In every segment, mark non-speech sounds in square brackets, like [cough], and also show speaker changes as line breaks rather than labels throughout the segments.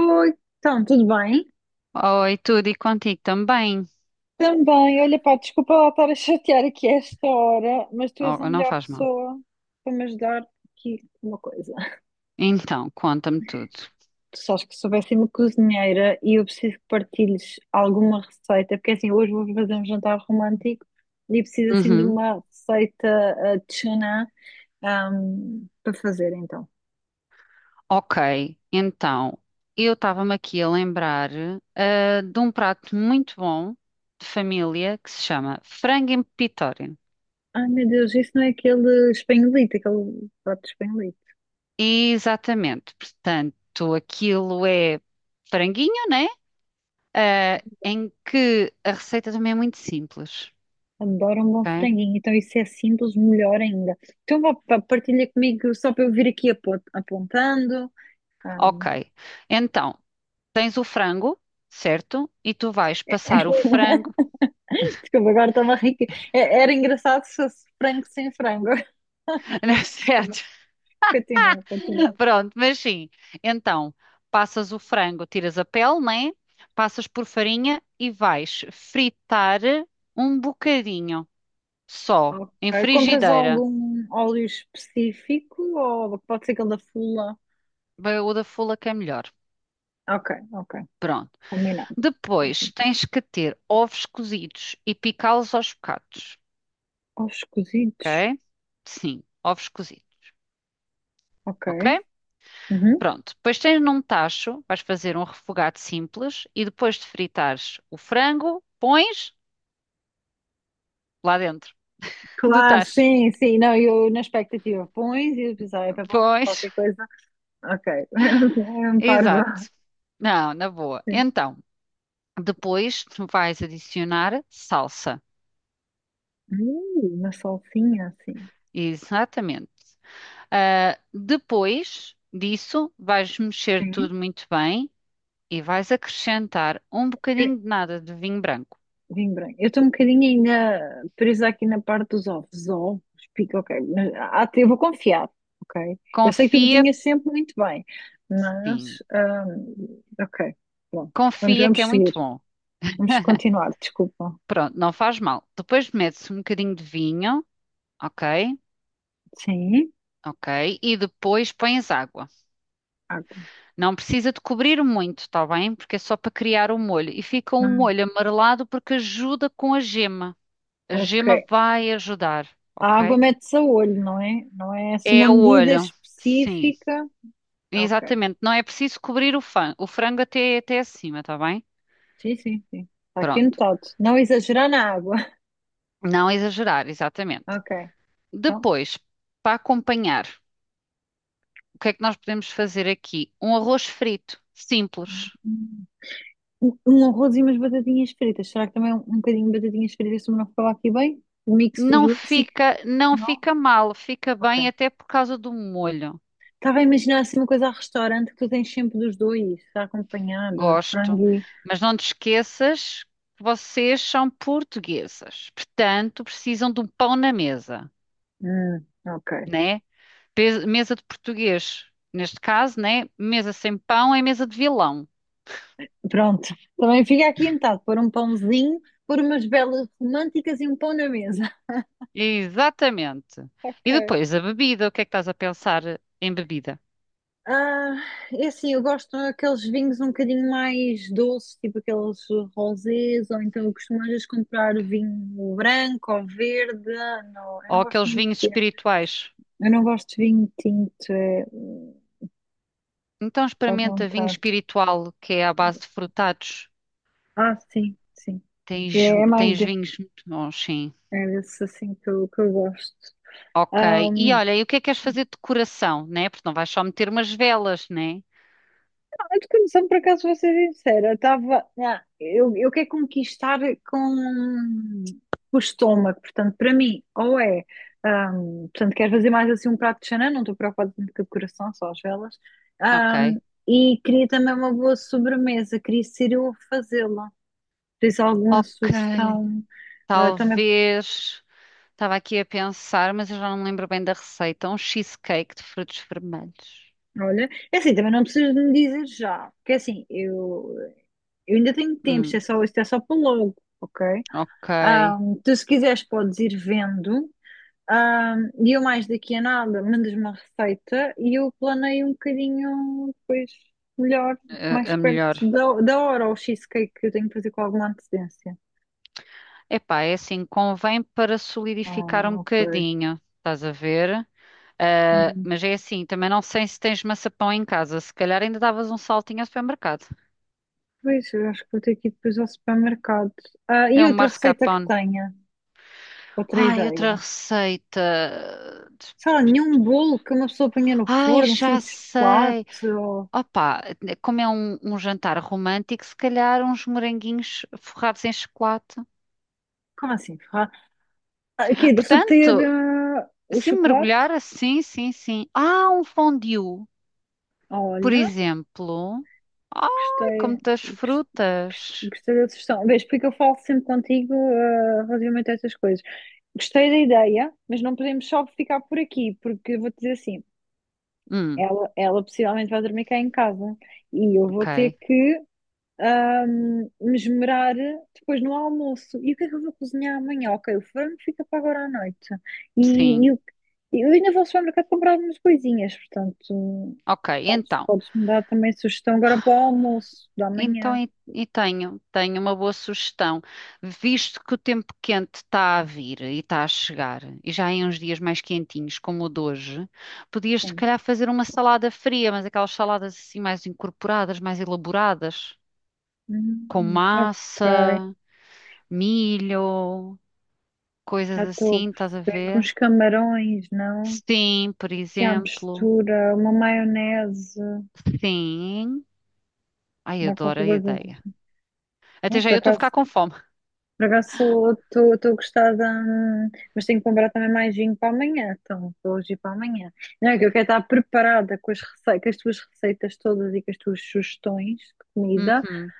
Oi, então, tudo bem?
Oi, tudo e contigo também.
Também, olha pá, desculpa lá estar a chatear aqui a esta hora, mas tu és a
Oh, não
melhor
faz mal.
pessoa para me ajudar aqui com uma coisa.
Então, conta-me tudo.
Tu sabes que sou péssima cozinheira e eu preciso que partilhes alguma receita, porque assim, hoje vou fazer um jantar romântico e preciso assim de
Uhum.
uma receita de tuna para fazer então.
Ok, então, eu estava-me aqui a lembrar, de um prato muito bom de família que se chama frango em pepitóreo.
Ai meu Deus, isso não é aquele espanholito, aquele prato espanholito.
Exatamente, portanto, aquilo é franguinho, né? Ah, em que a receita também é muito simples,
Adoro um bom
ok?
franguinho, então isso é simples, melhor ainda. Então vá, pá, partilha comigo só para eu vir aqui apontando.
Ok,
Ahm,
então, tens o frango, certo? E tu vais passar o frango.
[laughs] Desculpa, agora estava rica. Era engraçado se fosse frango sem frango.
[laughs]
[laughs] Desculpa,
Certo.
continua, continua.
Pronto, mas sim. Então, passas o frango, tiras a pele, né? Passas por farinha e vais fritar um bocadinho só,
Ok.
em
Compras
frigideira.
algum óleo específico ou pode ser aquele da Fula?
Bem, o da fula que é melhor.
Ok, ok,
Pronto.
combinado.
Depois tens que ter ovos cozidos e picá-los aos bocados,
Ovos cozidos,
ok? Sim, ovos cozidos,
ok.
ok?
Uhum.
Pronto. Depois tens num tacho, vais fazer um refogado simples e depois de fritares o frango, pões lá dentro. Do
Claro,
tacho.
sim, sim. Não, eu na expectativa pões e eu pensava, ah, é para pelo menos
Pois,
qualquer coisa. Ok, [laughs] é
[laughs]
um parvo.
exato. Não, na boa.
Sim.
Então, depois vais adicionar salsa.
Uma salsinha sim.
Exatamente. Ah, depois disso, vais mexer
Sim.
tudo muito bem e vais acrescentar um
Eh,
bocadinho de nada de vinho branco.
vinho branco. Eu estou um bocadinho ainda presa aqui na parte dos ovos. Ovos, pico, ok. Mas, ah, eu vou confiar, ok? Eu sei que tu
Confia,
cozinhas sempre muito bem,
sim,
mas. Ah, ok, pronto. Vamos,
confia que é
vamos seguir.
muito bom.
Vamos continuar, desculpa.
Pronto, não faz mal. Depois metes um bocadinho de vinho, ok?
Sim,
Ok. E depois pões água.
água.
Não precisa de cobrir muito, está bem? Porque é só para criar o molho. E fica um
Hum,
molho amarelado porque ajuda com a gema. A gema
ok.
vai ajudar,
A água
ok?
mete-se a olho, não é? Não é assim uma
É o
medida
olho, sim,
específica. Ok.
exatamente. Não é preciso cobrir o, o frango até, até acima, está bem?
Sim, sim, sim. Está aqui
Pronto.
anotado. Não exagerar na água. [laughs]
Não exagerar, exatamente.
Ok. Então,
Depois, para acompanhar, o que é que nós podemos fazer aqui? Um arroz frito, simples.
um um arroz e umas batatinhas fritas. Será que também é um bocadinho de batatinhas fritas, se não falar aqui bem? O mix dos
Não
dois, sim.
fica, não
Não?
fica mal, fica
Ok.
bem até por causa do molho.
Estava a imaginar assim uma coisa a restaurante que tu tens sempre dos dois, está acompanhado,
Gosto,
frango e...
mas não te esqueças que vocês são portuguesas, portanto precisam de um pão na mesa,
Ok.
né? Mesa de português, neste caso, né? Mesa sem pão é mesa de vilão.
Pronto. Também fica aqui anotado. Pôr um pãozinho, pôr umas velas românticas e um pão na mesa.
Exatamente.
[laughs]
E
Ok.
depois a bebida, o que é que estás a pensar em bebida?
Ah, é assim, eu gosto daqueles vinhos um bocadinho mais doces, tipo aqueles rosés, ou então eu costumo às vezes comprar vinho branco ou verde. Ah, não, eu não
Ou
gosto
aqueles
muito
vinhos
de tinto.
espirituais?
Eu não gosto de vinho tinto, é,
Então
faz-me um
experimenta vinho
bocado.
espiritual, que é à base de frutados.
Ah, sim, sim.
Tens,
É, é mais
tens
de,
vinhos muito bons, sim.
é desse assim que que eu gosto.
Ok. E olha, e o que é que queres fazer de decoração, né? Porque não vais só meter umas velas, né?
A de condução, por acaso, vou ser sincera, estava. Ah, eu quero conquistar com o estômago, portanto, para mim, ou é. Portanto, quero fazer mais assim um prato de chanã, não estou preocupada tanto com a decoração, só as velas. Ahm,
Ok.
e queria também uma boa sobremesa, queria ser eu a fazê-la. Tens alguma
Ok.
sugestão também?
Talvez. Estava aqui a pensar, mas eu já não me lembro bem da receita. Um cheesecake de frutos vermelhos.
Olha, é assim, também não precisas de me dizer já, porque é assim, eu ainda tenho tempo,
Hum,
isto é só para logo, ok?
ok.
Tu, se quiseres, podes ir vendo. E eu, mais daqui a nada, mandas-me uma receita e eu planeio um bocadinho depois melhor, mais
A
perto
melhor.
da hora, o cheesecake que eu tenho que fazer com alguma antecedência.
Epá, é assim, convém para solidificar um
Ah, ok.
bocadinho, estás a ver? Ah,
Hum.
mas é assim, também não sei se tens maçapão em casa. Se calhar ainda davas um saltinho ao supermercado.
Pois, eu acho que vou ter que ir depois ao supermercado. Ah,
É
e
o
outra receita que
mascarpone.
tenha, outra
Ai, outra
ideia.
receita.
Sei lá, nenhum bolo que uma pessoa ponha no
Ai,
forno, assim,
já
de chocolate
sei.
ou...
Opa, como é um, um jantar romântico, se calhar uns moranguinhos forrados em chocolate.
Como assim? Ferrado? Ah, aqui, deixa eu
Portanto,
o
se
chocolate.
mergulhar assim, sim, sim. Ah, um fondue, por
Olha,
exemplo. Ai, com
gostei,
muitas
gos-
frutas.
gostei da sugestão. Vês, porque eu falo sempre contigo, eh, relativamente a estas coisas. Gostei da ideia, mas não podemos só ficar por aqui, porque vou-te dizer assim,
Hum,
ela possivelmente vai dormir cá em casa e eu vou ter
ok.
que me depois no almoço. E o que é que eu vou cozinhar amanhã? Ok, o frango fica para agora à noite. E,
Sim.
e o- eu ainda vou ao supermercado comprar algumas coisinhas, portanto,
Ok, então.
podes me dar também sugestão agora para o almoço da
Então,
manhã.
e tenho, tenho uma boa sugestão. Visto que o tempo quente está a vir e está a chegar, e já em uns dias mais quentinhos, como o de hoje, podias, se
Sim.
calhar, fazer uma salada fria, mas aquelas saladas assim mais incorporadas, mais elaboradas, com
Ok,
massa, milho, coisas
já estou a
assim, estás a
perceber que
ver?
uns camarões, não?
Sim, por
Se há
exemplo.
mistura, uma maionese,
Sim. Ai,
dá
adoro
qualquer
a
coisa.
ideia.
De-
Até
Não,
já
por
eu estou a ficar
acaso.
com fome.
Por acaso estou gostada, mas tenho que comprar também mais vinho para amanhã, então para hoje e para amanhã. Não é que eu quero estar preparada com as receitas, com as tuas receitas todas e com as tuas sugestões de comida,
Uhum.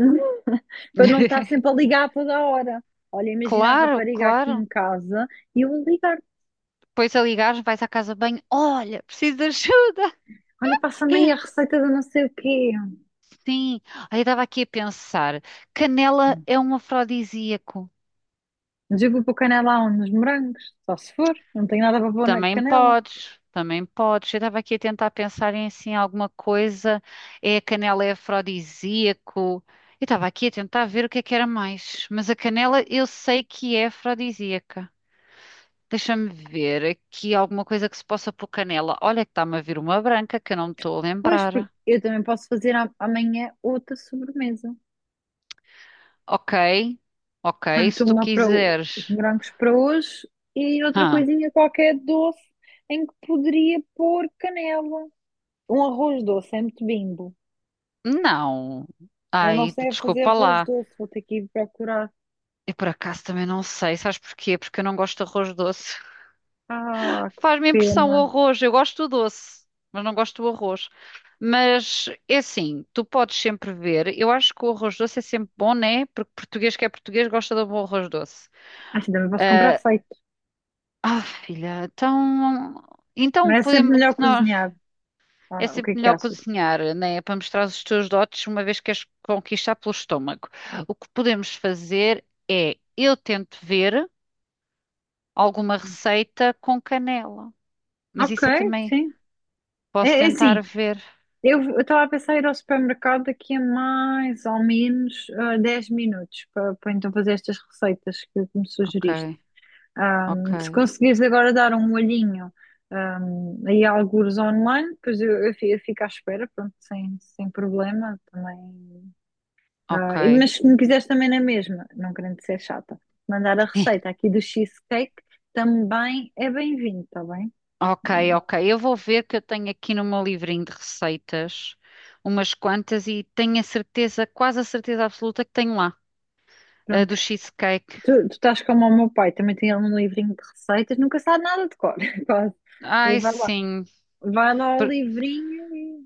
hum, [laughs] para não estar
[laughs]
sempre a ligar a toda a hora. Olha, imagina a
Claro,
rapariga aqui
claro.
em casa e eu vou ligar.
Depois a ligares, vais à casa de banho. Olha, preciso de ajuda.
Olha, passa-me aí a receita de não sei o quê.
Sim. Aí eu estava aqui a pensar. Canela é um afrodisíaco.
Mas eu vou pôr canela aonde? Nos morangos, só se for, não tenho nada para pôr na
Também
canela.
podes. Também podes. Eu estava aqui a tentar pensar em assim alguma coisa. É, a canela é afrodisíaco. Eu estava aqui a tentar ver o que é que era mais. Mas a canela eu sei que é afrodisíaca. Deixa-me ver aqui alguma coisa que se possa pôr canela. Olha que está-me a vir uma branca que eu não me estou a
Pois, porque
lembrar.
eu também posso fazer amanhã outra sobremesa.
Ok, ok,
Tanto
se tu
uma para os
quiseres.
morangos para hoje e outra
Hã?
coisinha qualquer doce em que poderia pôr canela. Um arroz doce, é muito bimbo.
Não.
Eu não
Ai,
sei fazer
desculpa
arroz
lá.
doce, vou ter que ir procurar.
Eu por acaso também não sei, sabes porquê? Porque eu não gosto de arroz doce. [laughs]
Ah, que
Faz-me impressão o
pena.
arroz, eu gosto do doce, mas não gosto do arroz. Mas é assim, tu podes sempre ver, eu acho que o arroz doce é sempre bom, né? Porque português que é português gosta de um bom arroz doce.
Acho que também posso comprar
Ah,
feito.
filha, então.
Não
Então
é sempre
podemos.
melhor cozinhar. Ah,
É
não, o que
sempre
é que
melhor
achas?
cozinhar, né? É para mostrar os teus dotes, uma vez que as conquistar pelo estômago. O que podemos fazer é eu tento ver alguma receita com canela. Mas
Ok,
isso eu também
sim.
posso
É, é
tentar
assim,
ver.
eu estava a pensar em ir ao supermercado daqui a mais ou menos 10 minutos para então fazer estas receitas que me
Ok,
sugeriste. Se
ok,
conseguires agora dar um olhinho, aí a algures online, depois eu fico à espera, pronto, sem problema também.
ok.
Ah, mas se me quiseres também na mesma, não querendo ser chata, mandar a receita
[laughs]
aqui do cheesecake também é bem-vindo, está bem?
Ok, ok.
Não-
Eu vou ver que eu tenho aqui no meu livrinho de receitas umas quantas e tenho a certeza, quase a certeza absoluta que tenho lá, a
Pronto.
do cheesecake.
Tu estás como o meu pai, também tem ele um livrinho de receitas, nunca sabe nada de cor, [laughs] quase. E
Ai,
vai lá,
sim.
vai lá ao livrinho e.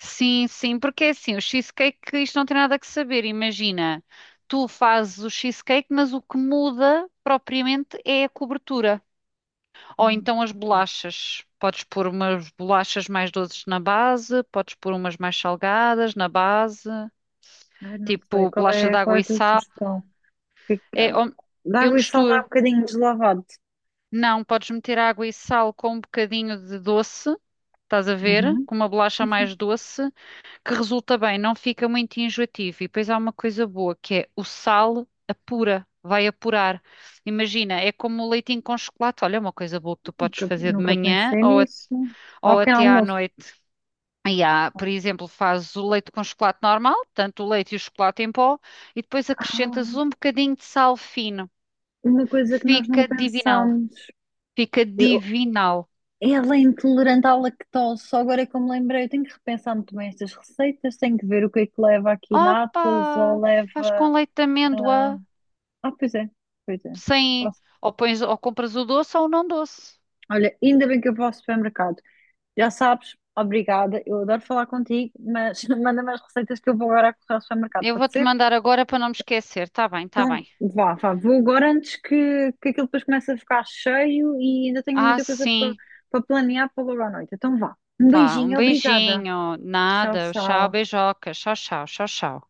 Sim, sim, porque é assim, o cheesecake, isto não tem nada que saber, imagina. Tu fazes o cheesecake, mas o que muda propriamente é a cobertura. Ou
Hum,
então as
ok.
bolachas. Podes pôr umas bolachas mais doces na base, podes pôr umas mais salgadas na base,
Ai, não sei,
tipo bolacha de
qual é
água
a
e
tua
sal.
sugestão? Que,
É,
de
eu
água e sal não é um
misturo.
bocadinho deslavado.
Não, podes meter água e sal com um bocadinho de doce, estás a ver?
Uhum.
Com uma bolacha
Sim,
mais
sim.
doce, que resulta bem, não fica muito enjoativo. E depois há uma coisa boa que é o sal apura, vai apurar. Imagina, é como o leitinho com chocolate. Olha, é uma coisa boa que tu podes fazer de
Nunca
manhã
pensei
ou,
nisso. Ao
ou
pequeno
até à
almoço.
noite. E há, por exemplo, fazes o leite com chocolate normal, tanto o leite e o chocolate em pó, e depois acrescentas
Ah,
um bocadinho de sal fino.
uma coisa que nós não
Fica divinal.
pensámos.
Fica
Eu-
divinal.
ela é intolerante à lactose. Só agora é que eu me lembrei. Eu tenho que repensar muito bem estas receitas. Tenho que ver o que é que leva aqui natas ou
Opa! Faz
leva.
com leite de
Ah,
amêndoa,
ah, pois é. Pois é.
sem.
Posso-
Ou pões, ou compras o doce ou o não doce.
Olha, ainda bem que eu vou ao supermercado. Já sabes, obrigada. Eu adoro falar contigo, mas [laughs] manda-me as receitas que eu vou agora correr ao supermercado.
Eu
Pode
vou-te
ser?
mandar agora para não me esquecer. Tá bem, tá
Então,
bem.
vá, vá, vou agora antes que aquilo depois comece a ficar cheio e ainda tenho
Ah,
muita coisa
sim.
para planear para logo à noite. Então, vá. Um
Vá, um
beijinho, obrigada.
beijinho.
Tchau,
Nada. Tchau,
tchau.
beijoca. Tchau, tchau, tchau, tchau.